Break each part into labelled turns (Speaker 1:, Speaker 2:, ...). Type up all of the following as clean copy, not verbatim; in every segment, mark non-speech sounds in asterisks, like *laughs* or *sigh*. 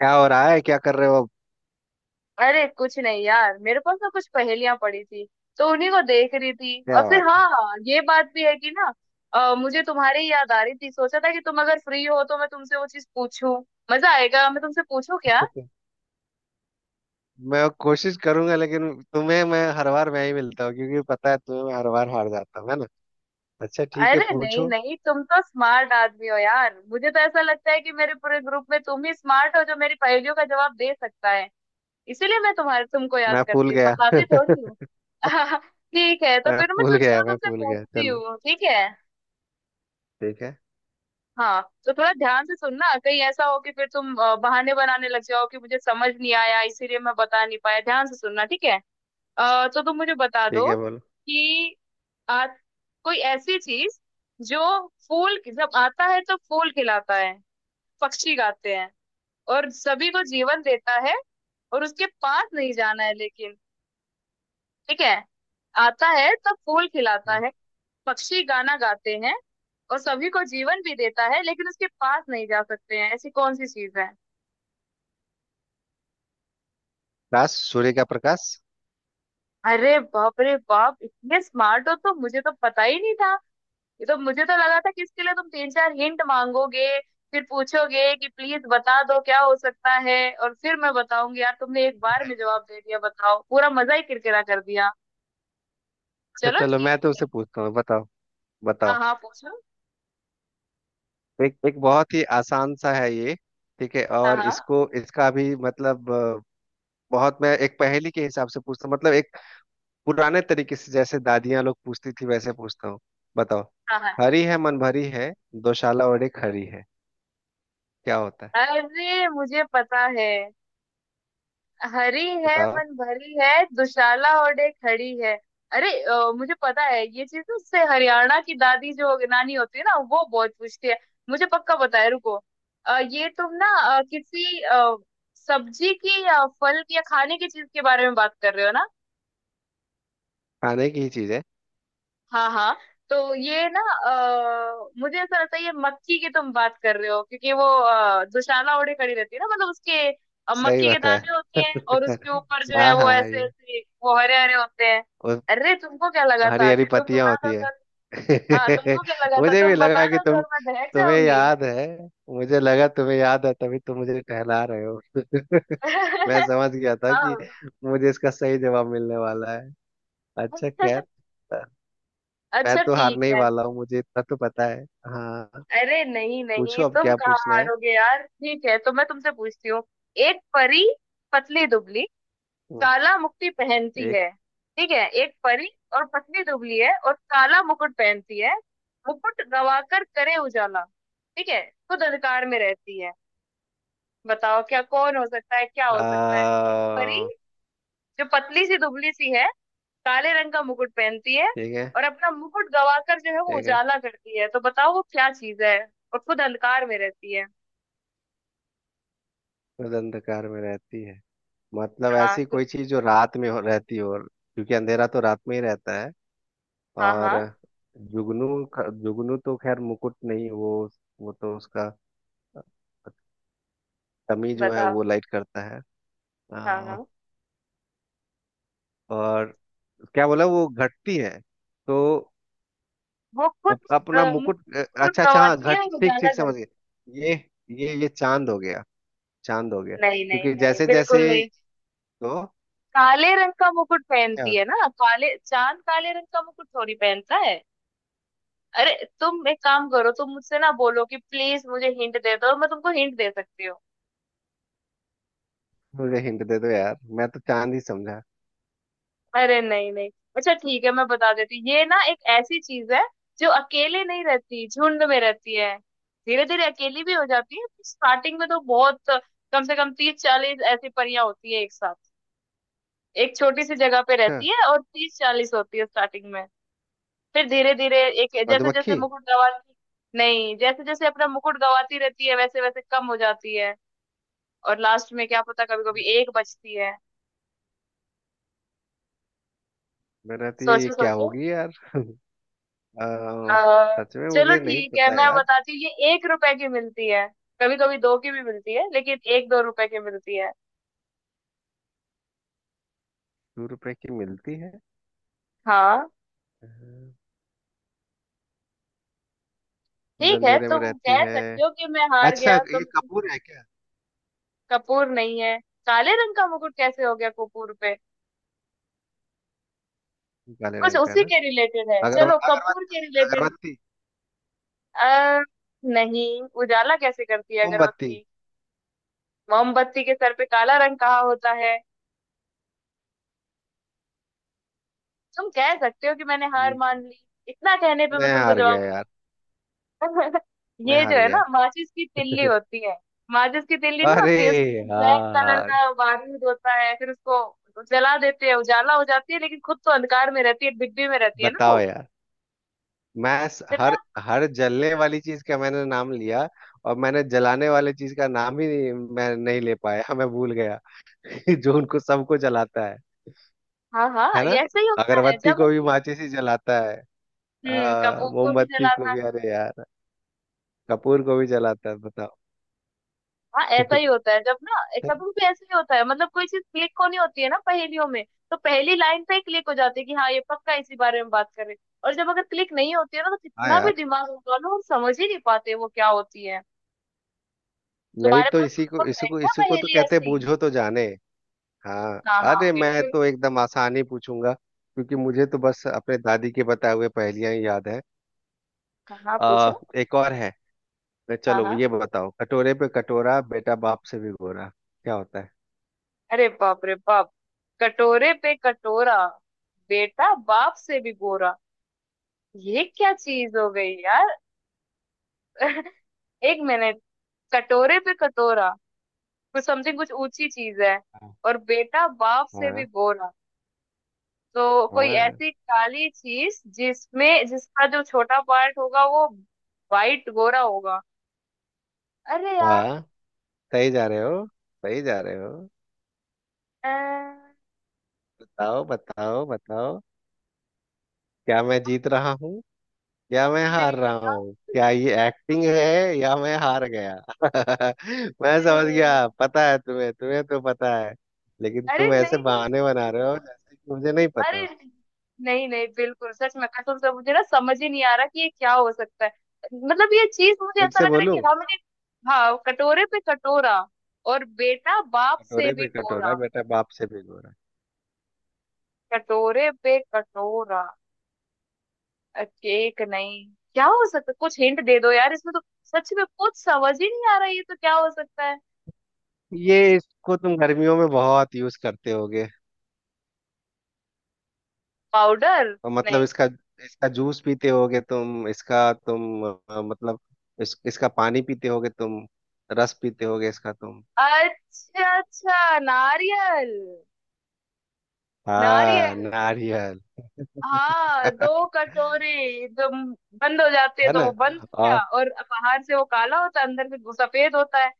Speaker 1: क्या हो रहा है? क्या कर रहे हो अब?
Speaker 2: अरे कुछ नहीं यार, मेरे पास ना कुछ पहेलियां पड़ी थी तो उन्हीं को देख रही थी। और
Speaker 1: क्या
Speaker 2: फिर
Speaker 1: बात
Speaker 2: हाँ, ये बात भी है कि ना मुझे तुम्हारी याद आ रही थी। सोचा था कि तुम अगर फ्री हो तो मैं तुमसे वो चीज पूछूं। मजा आएगा, मैं तुमसे पूछूं क्या।
Speaker 1: है? *laughs* मैं कोशिश करूंगा, लेकिन तुम्हें मैं हर बार मैं ही मिलता हूँ क्योंकि पता है तुम्हें, मैं हर बार हार जाता हूँ है ना। अच्छा ठीक है,
Speaker 2: अरे नहीं
Speaker 1: पूछो।
Speaker 2: नहीं, तुम तो स्मार्ट आदमी हो यार, मुझे तो ऐसा लगता है कि मेरे पूरे ग्रुप में तुम ही स्मार्ट हो जो मेरी पहेलियों का जवाब दे सकता है। इसीलिए मैं तुम्हारे तुमको याद
Speaker 1: मैं भूल
Speaker 2: करती हूँ,
Speaker 1: गया,
Speaker 2: फंसाती थोड़ी हूँ। *laughs* ठीक है, तो
Speaker 1: मैं
Speaker 2: फिर मैं
Speaker 1: भूल
Speaker 2: तुमसे
Speaker 1: गया, मैं
Speaker 2: तुमसे
Speaker 1: भूल गया।
Speaker 2: पूछती
Speaker 1: चलो
Speaker 2: हूँ, ठीक है।
Speaker 1: ठीक है।
Speaker 2: हाँ तो थोड़ा ध्यान से सुनना, कहीं ऐसा हो कि फिर तुम बहाने बनाने लग जाओ कि मुझे समझ नहीं आया इसीलिए मैं बता नहीं पाया। ध्यान से सुनना, ठीक है। तो तुम मुझे बता
Speaker 1: ठीक
Speaker 2: दो
Speaker 1: है, बोलो।
Speaker 2: कि आ, कोई ऐसी चीज जो फूल जब आता है तो फूल खिलाता है, पक्षी गाते हैं, और सभी को जीवन देता है, और उसके पास नहीं जाना है लेकिन ठीक है। आता है तब फूल खिलाता है, पक्षी गाना गाते हैं और सभी को जीवन भी देता है, लेकिन उसके पास नहीं जा सकते हैं। ऐसी कौन सी चीज है।
Speaker 1: प्रकाश, सूर्य का प्रकाश।
Speaker 2: अरे बाप रे बाप, इतने स्मार्ट हो तो मुझे तो पता ही नहीं था। ये तो मुझे तो लगा था कि इसके लिए तुम तीन चार हिंट मांगोगे, फिर पूछोगे कि प्लीज बता दो क्या हो सकता है, और फिर मैं बताऊंगी। यार तुमने एक बार में जवाब दे दिया, बताओ, पूरा मजा ही किरकिरा कर दिया।
Speaker 1: *laughs* अच्छा
Speaker 2: चलो
Speaker 1: चलो, मैं तो
Speaker 2: ठीक।
Speaker 1: उसे पूछता हूँ, बताओ।
Speaker 2: हाँ
Speaker 1: बताओ,
Speaker 2: हाँ पूछो।
Speaker 1: एक एक बहुत ही आसान सा है ये। ठीक है,
Speaker 2: हाँ
Speaker 1: और
Speaker 2: हाँ।
Speaker 1: इसको इसका भी मतलब बहुत। मैं एक पहेली के हिसाब से पूछता हूँ, मतलब एक पुराने तरीके से, जैसे दादियां लोग पूछती थी वैसे पूछता हूँ। बताओ।
Speaker 2: हाँ हाँ ठीक।
Speaker 1: हरी है मन भरी है, दोशाला, और एक हरी है। क्या होता है?
Speaker 2: अरे मुझे पता है। हरी है
Speaker 1: बताओ।
Speaker 2: मन भरी है, दुशाला ओढ़े खड़ी है। अरे मुझे पता है, ये चीज ना उससे हरियाणा की दादी जो नानी होती है ना वो बहुत पूछती है। मुझे पक्का पता है, रुको। ये तुम ना किसी सब्जी की या फल की या खाने की चीज के बारे में बात कर रहे हो ना।
Speaker 1: खाने की ही चीज है।
Speaker 2: हाँ हाँ। तो ये ना मुझे ऐसा लगता है ये मक्की की तुम बात कर रहे हो, क्योंकि वो दुशाला ओढ़े खड़ी रहती है ना, मतलब उसके
Speaker 1: सही
Speaker 2: मक्की के दाने
Speaker 1: बताया।
Speaker 2: होते हैं और
Speaker 1: *laughs*
Speaker 2: उसके ऊपर जो है
Speaker 1: हाँ
Speaker 2: वो
Speaker 1: हाँ,
Speaker 2: ऐसे
Speaker 1: ये।
Speaker 2: ऐसे वो हरे हरे होते हैं।
Speaker 1: और
Speaker 2: अरे तुमको क्या लगा
Speaker 1: हरी
Speaker 2: था
Speaker 1: हरी
Speaker 2: कि तुम
Speaker 1: पत्तियां
Speaker 2: बता दो
Speaker 1: होती है।
Speaker 2: अगर- हाँ
Speaker 1: *laughs*
Speaker 2: तुमको क्या लगा था,
Speaker 1: मुझे भी
Speaker 2: तुम
Speaker 1: लगा
Speaker 2: बता
Speaker 1: कि
Speaker 2: दो
Speaker 1: तुम,
Speaker 2: और मैं बहक
Speaker 1: तुम्हें
Speaker 2: जाऊंगी।
Speaker 1: याद है। मुझे लगा तुम्हें याद है, तभी तुम मुझे टहला रहे हो। *laughs* मैं
Speaker 2: *laughs*
Speaker 1: समझ गया था कि
Speaker 2: हाँ।
Speaker 1: मुझे इसका सही जवाब मिलने वाला है। अच्छा खैर,
Speaker 2: *laughs*
Speaker 1: मैं
Speaker 2: अच्छा
Speaker 1: तो हारने
Speaker 2: ठीक
Speaker 1: ही
Speaker 2: है।
Speaker 1: वाला हूँ, मुझे इतना तो पता है। हाँ,
Speaker 2: अरे नहीं
Speaker 1: पूछो,
Speaker 2: नहीं,
Speaker 1: अब
Speaker 2: तुम
Speaker 1: क्या
Speaker 2: कहाँ
Speaker 1: पूछना है।
Speaker 2: हारोगे यार। ठीक है, तो मैं तुमसे पूछती हूँ। एक परी, पतली दुबली,
Speaker 1: हम्म,
Speaker 2: काला मुकुट पहनती
Speaker 1: एक।
Speaker 2: है। ठीक है, एक परी, और पतली दुबली है और काला मुकुट पहनती है, मुकुट गवाकर करे उजाला, ठीक है, खुद अंधकार में रहती है। बताओ क्या, कौन हो सकता है, क्या हो सकता है। एक परी
Speaker 1: आ,
Speaker 2: जो पतली सी दुबली सी है, काले रंग का मुकुट पहनती है,
Speaker 1: ठीक है।
Speaker 2: और अपना मुकुट गवाकर जो है वो
Speaker 1: ठीक है।
Speaker 2: उजाला करती है, तो बताओ वो क्या चीज है। और खुद अंधकार में रहती है।
Speaker 1: खुद अंधकार में रहती है, मतलब
Speaker 2: हाँ
Speaker 1: ऐसी
Speaker 2: गु-
Speaker 1: कोई चीज जो रात में हो, रहती हो क्योंकि अंधेरा तो रात में ही रहता है।
Speaker 2: हाँ हाँ।
Speaker 1: और जुगनू ख- जुगनू तो खैर, मुकुट नहीं वो। वो तो उसका कमी जो है
Speaker 2: बताओ।
Speaker 1: वो लाइट करता है।
Speaker 2: हाँ
Speaker 1: आ,
Speaker 2: हाँ।
Speaker 1: और क्या बोला, वो घटती है तो
Speaker 2: वो खुद
Speaker 1: अप- अपना मुकुट
Speaker 2: मुकुट
Speaker 1: अच्छा अच्छा, हाँ
Speaker 2: गवाती है
Speaker 1: घट,
Speaker 2: और
Speaker 1: ठीक
Speaker 2: उजाला।
Speaker 1: ठीक, समझ गए। ये, ये चांद हो गया, चांद हो गया
Speaker 2: नहीं नहीं
Speaker 1: क्योंकि
Speaker 2: नहीं,
Speaker 1: जैसे जैसे
Speaker 2: बिल्कुल नहीं।
Speaker 1: तो
Speaker 2: काले रंग का मुकुट पहनती
Speaker 1: क्या।
Speaker 2: है ना, काले, चांद काले रंग का मुकुट थोड़ी पहनता है। अरे तुम एक काम करो, तुम मुझसे ना बोलो कि प्लीज मुझे हिंट दे दो, मैं तुमको हिंट दे सकती हूँ।
Speaker 1: मुझे हिंट दे दो यार, मैं तो चांद ही समझा।
Speaker 2: अरे नहीं नहीं। अच्छा ठीक है, मैं बता देती हूँ। ये ना एक ऐसी चीज है जो अकेले नहीं रहती, झुंड में रहती है। धीरे धीरे अकेली भी हो जाती है, स्टार्टिंग में तो बहुत, कम से कम 30 40 ऐसी परियां होती है एक साथ, एक छोटी सी जगह पे
Speaker 1: अच्छा,
Speaker 2: रहती है, और 30 40 होती है स्टार्टिंग में। फिर धीरे धीरे एक, जैसे जैसे
Speaker 1: मधुमक्खी।
Speaker 2: मुकुट गवाती, नहीं, जैसे जैसे अपना मुकुट गवाती रहती है वैसे वैसे कम हो जाती है, और लास्ट में क्या पता, कभी कभी एक बचती है।
Speaker 1: मैं रहती है, ये
Speaker 2: सोचो
Speaker 1: क्या
Speaker 2: सोचो।
Speaker 1: होगी यार? अ,
Speaker 2: आ,
Speaker 1: सच में
Speaker 2: चलो
Speaker 1: मुझे नहीं
Speaker 2: ठीक है,
Speaker 1: पता
Speaker 2: मैं
Speaker 1: यार।
Speaker 2: बताती हूँ, ये 1 रुपए की मिलती है। कभी कभी दो की भी मिलती है, लेकिन 1 2 रुपए की मिलती है।
Speaker 1: 2 रुपए की मिलती है?
Speaker 2: हाँ।
Speaker 1: अ, और
Speaker 2: ठीक है,
Speaker 1: अंधेरे में
Speaker 2: तुम
Speaker 1: रहती
Speaker 2: कह
Speaker 1: है।
Speaker 2: सकते हो कि मैं हार
Speaker 1: अच्छा
Speaker 2: गया
Speaker 1: ये
Speaker 2: तुम।
Speaker 1: कपूर है क्या?
Speaker 2: कपूर नहीं है। काले रंग का मुकुट कैसे हो गया कपूर पे।
Speaker 1: काले
Speaker 2: कुछ
Speaker 1: रंग का है
Speaker 2: उसी
Speaker 1: ना।
Speaker 2: के रिलेटेड है,
Speaker 1: अगर,
Speaker 2: चलो कपूर
Speaker 1: अगरबत्ती,
Speaker 2: के रिलेटेड।
Speaker 1: अगरबत्ती।
Speaker 2: आ, नहीं उजाला कैसे करती है
Speaker 1: मोमबत्ती।
Speaker 2: अगरबत्ती। मोमबत्ती के सर पे काला रंग कहा होता है। तुम कह सकते हो कि मैंने हार
Speaker 1: ये क्या?
Speaker 2: मान ली। इतना कहने पे मैं
Speaker 1: मैं
Speaker 2: तुमको
Speaker 1: हार गया
Speaker 2: जवाब
Speaker 1: यार,
Speaker 2: दूंगा। *laughs*
Speaker 1: मैं
Speaker 2: ये जो
Speaker 1: हार
Speaker 2: है
Speaker 1: गया।
Speaker 2: ना माचिस की तिल्ली होती है, माचिस की तिल्ली नहीं
Speaker 1: अरे
Speaker 2: होती, उसके बाद ब्लैक कलर
Speaker 1: यार,
Speaker 2: का बारूद होता है, फिर उसको जला देते हैं, उजाला हो जाती है, लेकिन खुद तो अंधकार में रहती है, डिब्बी में रहती है ना वो।
Speaker 1: बताओ यार। मैं स-
Speaker 2: चला।
Speaker 1: हर, हर जलने वाली चीज का मैंने नाम लिया। और मैंने जलाने वाली चीज का नाम ही नहीं, मैं नहीं ले पाया। *laughs* मैं भूल गया। *laughs* जो उनको सबको जलाता है
Speaker 2: हाँ हाँ
Speaker 1: है ना।
Speaker 2: ये ऐसे ही होता है
Speaker 1: अगरबत्ती
Speaker 2: जब
Speaker 1: को
Speaker 2: हम,
Speaker 1: भी माचिस ही जलाता है।
Speaker 2: कपूर को भी
Speaker 1: मोमबत्ती को
Speaker 2: जलाते।
Speaker 1: भी, अरे यार, कपूर को भी जलाता है बताओ।
Speaker 2: हाँ ऐसा ही
Speaker 1: *laughs*
Speaker 2: होता है, जब ना, कभी भी ऐसा ही होता है, मतलब कोई चीज क्लिक होनी होती है ना पहेलियों में, तो पहली लाइन पे क्लिक हो जाती है कि हाँ ये पक्का इसी बारे में बात कर रहे हैं। और जब अगर क्लिक नहीं होती है ना, तो
Speaker 1: हाँ
Speaker 2: कितना भी
Speaker 1: यार।
Speaker 2: दिमाग लगा लो हम समझ ही नहीं पाते वो क्या होती है।
Speaker 1: यही
Speaker 2: तुम्हारे
Speaker 1: तो,
Speaker 2: पास
Speaker 1: इसी को
Speaker 2: कोई और
Speaker 1: इसी
Speaker 2: है
Speaker 1: को
Speaker 2: क्या
Speaker 1: इसी को तो
Speaker 2: पहेली
Speaker 1: कहते हैं,
Speaker 2: ऐसी।
Speaker 1: बूझो तो जाने। हाँ,
Speaker 2: हाँ हाँ
Speaker 1: अरे मैं
Speaker 2: बिल्कुल।
Speaker 1: तो एकदम आसानी पूछूंगा क्योंकि मुझे तो बस अपने दादी के बताए हुए पहेलियां ही याद है।
Speaker 2: हाँ हाँ पूछो।
Speaker 1: एक और है।
Speaker 2: हाँ
Speaker 1: चलो
Speaker 2: हाँ।
Speaker 1: ये बताओ, कटोरे पे कटोरा, बेटा बाप से भिगोरा। क्या होता है?
Speaker 2: अरे बाप रे बाप। कटोरे पे कटोरा, बेटा बाप से भी गोरा। ये क्या चीज हो गई यार। *laughs* एक मिनट, कटोरे पे कटोरा, कुछ समथिंग, कुछ ऊंची चीज है,
Speaker 1: हाँ
Speaker 2: और बेटा बाप से भी
Speaker 1: हाँ।
Speaker 2: गोरा, तो कोई
Speaker 1: हाँ
Speaker 2: ऐसी काली चीज जिसमें जिसका जो छोटा पार्ट होगा वो वाइट गोरा होगा। अरे यार।
Speaker 1: हाँ, सही जा रहे हो, सही जा रहे हो।
Speaker 2: अ,
Speaker 1: बताओ बताओ बताओ। क्या मैं जीत रहा या मैं हार
Speaker 2: नहीं
Speaker 1: रहा
Speaker 2: मेरा।
Speaker 1: हूँ? क्या ये एक्टिंग है या मैं हार गया? *laughs* मैं
Speaker 2: नहीं
Speaker 1: समझ
Speaker 2: नहीं नहीं।
Speaker 1: गया, पता है तुम्हें, तुम्हें तो पता है, लेकिन
Speaker 2: अरे
Speaker 1: तुम ऐसे
Speaker 2: नहीं नहीं
Speaker 1: बहाने बना
Speaker 2: सच्ची।
Speaker 1: रहे हो जैसे कि मुझे नहीं पता
Speaker 2: अरे
Speaker 1: हो।
Speaker 2: नहीं नहीं, बिल्कुल सच में, कसम से मुझे ना समझ ही नहीं आ रहा कि ये क्या हो सकता है। मतलब ये चीज मुझे
Speaker 1: एक
Speaker 2: ऐसा
Speaker 1: से
Speaker 2: लग रहा है
Speaker 1: बोलूं?
Speaker 2: कि हाँ मैंने। हाँ, कटोरे पे कटोरा, और बेटा बाप से
Speaker 1: कटोरे
Speaker 2: भी
Speaker 1: पे कटोरा,
Speaker 2: गोरा।
Speaker 1: बेटा बाप से भिगोरा।
Speaker 2: कटोरे पे कटोरा, केक नहीं। क्या हो सकता, कुछ हिंट दे दो यार, इसमें तो सच में कुछ समझ ही नहीं आ रहा है। ये तो क्या हो सकता है।
Speaker 1: ये इसको तुम गर्मियों में बहुत यूज करते होगे।
Speaker 2: पाउडर।
Speaker 1: और मतलब
Speaker 2: नहीं।
Speaker 1: इसका, इसका जूस पीते होगे तुम इसका तुम। मतलब इस, इसका पानी पीते होगे तुम, रस पीते होगे इसका तुम।
Speaker 2: अच्छा अच्छा नारियल। नारियल।
Speaker 1: हाँ, नारियल।
Speaker 2: हाँ, दो कटोरे जो बंद हो जाते हैं,
Speaker 1: है
Speaker 2: तो
Speaker 1: ना।
Speaker 2: वो बंद हो गया,
Speaker 1: और,
Speaker 2: और बाहर से वो काला होता है, अंदर से वो सफेद होता है।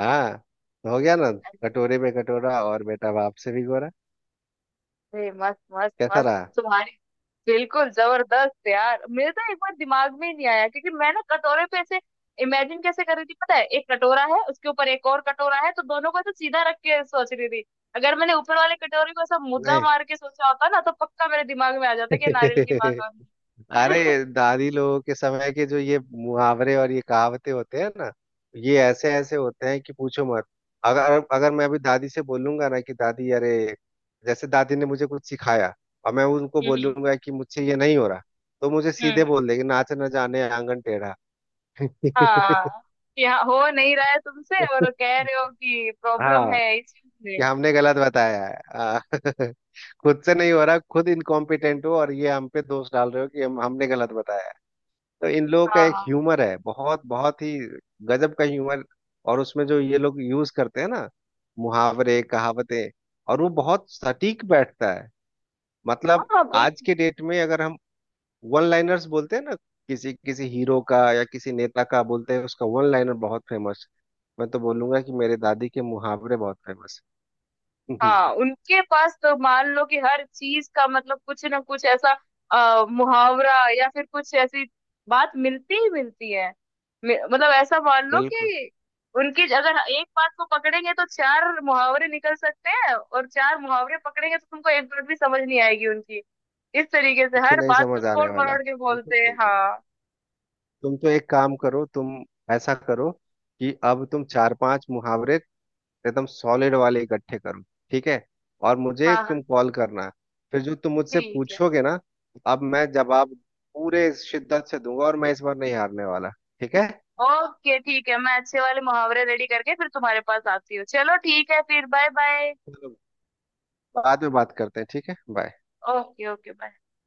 Speaker 1: हाँ, तो हो गया ना, कटोरे में कटोरा और बेटा बाप से भी गोरा।
Speaker 2: अरे मस्त मस्त
Speaker 1: कैसा
Speaker 2: मस्त।
Speaker 1: रहा?
Speaker 2: तुम्हारी, बिल्कुल जबरदस्त यार, मेरे तो एक बार दिमाग में ही नहीं आया क्योंकि मैं ना कटोरे पे ऐसे इमेजिन कैसे कर रही थी, पता है, एक कटोरा है उसके ऊपर एक और कटोरा है, तो दोनों को ऐसे सीधा रख के सोच रही थी। अगर मैंने ऊपर वाले कटोरे को ऐसा मुद्दा
Speaker 1: नहीं।
Speaker 2: मार के सोचा होता ना तो पक्का मेरे दिमाग में आ जाता कि नारियल की बात
Speaker 1: *laughs*
Speaker 2: हो रही
Speaker 1: अरे दादी लोगों के समय के जो ये मुहावरे और ये कहावतें होते हैं ना, ये ऐसे ऐसे होते हैं कि पूछो मत। अगर अगर मैं अभी दादी से बोलूंगा ना कि दादी, अरे, जैसे दादी ने मुझे कुछ सिखाया और मैं उनको
Speaker 2: है। हम्म।
Speaker 1: बोलूंगा कि मुझसे ये नहीं हो रहा, तो मुझे
Speaker 2: हम्म।
Speaker 1: सीधे बोल देगी, नाच न जाने आंगन टेढ़ा।
Speaker 2: हाँ। यहाँ हो नहीं रहा है तुमसे और
Speaker 1: *laughs*
Speaker 2: कह रहे हो कि प्रॉब्लम
Speaker 1: हाँ,
Speaker 2: है इस चीज
Speaker 1: कि
Speaker 2: में।
Speaker 1: हमने गलत बताया है। *laughs* खुद से नहीं हो रहा, खुद इनकॉम्पिटेंट हो और ये हम पे दोष डाल रहे हो कि हम हमने गलत बताया है। तो इन लोगों का
Speaker 2: हाँ
Speaker 1: एक
Speaker 2: हाँ।
Speaker 1: ह्यूमर है, बहुत बहुत ही गजब का ह्यूमर। और उसमें जो ये लोग यूज करते हैं ना मुहावरे कहावतें, और वो बहुत सटीक बैठता है। मतलब
Speaker 2: हाँ,
Speaker 1: आज
Speaker 2: बिल्कुल।
Speaker 1: के डेट में अगर हम वन लाइनर्स बोलते हैं ना, किसी किसी हीरो का या किसी नेता का बोलते हैं, उसका वन लाइनर बहुत फेमस। मैं तो बोलूंगा कि मेरे दादी के मुहावरे बहुत फेमस।
Speaker 2: हाँ,
Speaker 1: *laughs*
Speaker 2: उनके पास तो मान लो कि हर चीज का मतलब कुछ ना कुछ ऐसा मुहावरा या फिर कुछ ऐसी बात मिलती ही मिलती है। मतलब ऐसा मान लो
Speaker 1: बिल्कुल,
Speaker 2: कि उनकी अगर एक बात को पकड़ेंगे तो चार मुहावरे निकल सकते हैं, और चार मुहावरे पकड़ेंगे तो तुमको एक बात भी समझ नहीं आएगी उनकी। इस तरीके से
Speaker 1: कुछ
Speaker 2: हर
Speaker 1: नहीं
Speaker 2: बात को
Speaker 1: समझ आने
Speaker 2: तोड़
Speaker 1: वाला।
Speaker 2: मरोड़ के
Speaker 1: बिल्कुल
Speaker 2: बोलते हैं।
Speaker 1: सही कहा।
Speaker 2: हाँ।
Speaker 1: तुम तो एक काम करो, तुम ऐसा करो कि अब तुम 4 5 मुहावरे एकदम सॉलिड वाले इकट्ठे करो, ठीक है, और मुझे
Speaker 2: हाँ हाँ,
Speaker 1: तुम कॉल करना। फिर जो तुम मुझसे
Speaker 2: ठीक है।
Speaker 1: पूछोगे ना, अब मैं जवाब पूरे शिद्दत से दूंगा और मैं इस बार नहीं हारने वाला। ठीक है,
Speaker 2: ओके ठीक है, मैं अच्छे वाले मुहावरे रेडी करके फिर तुम्हारे पास आती हूँ, चलो ठीक है, फिर बाय बाय।
Speaker 1: चलो, बाद में बात करते हैं, ठीक है, बाय।
Speaker 2: Okay okay bye.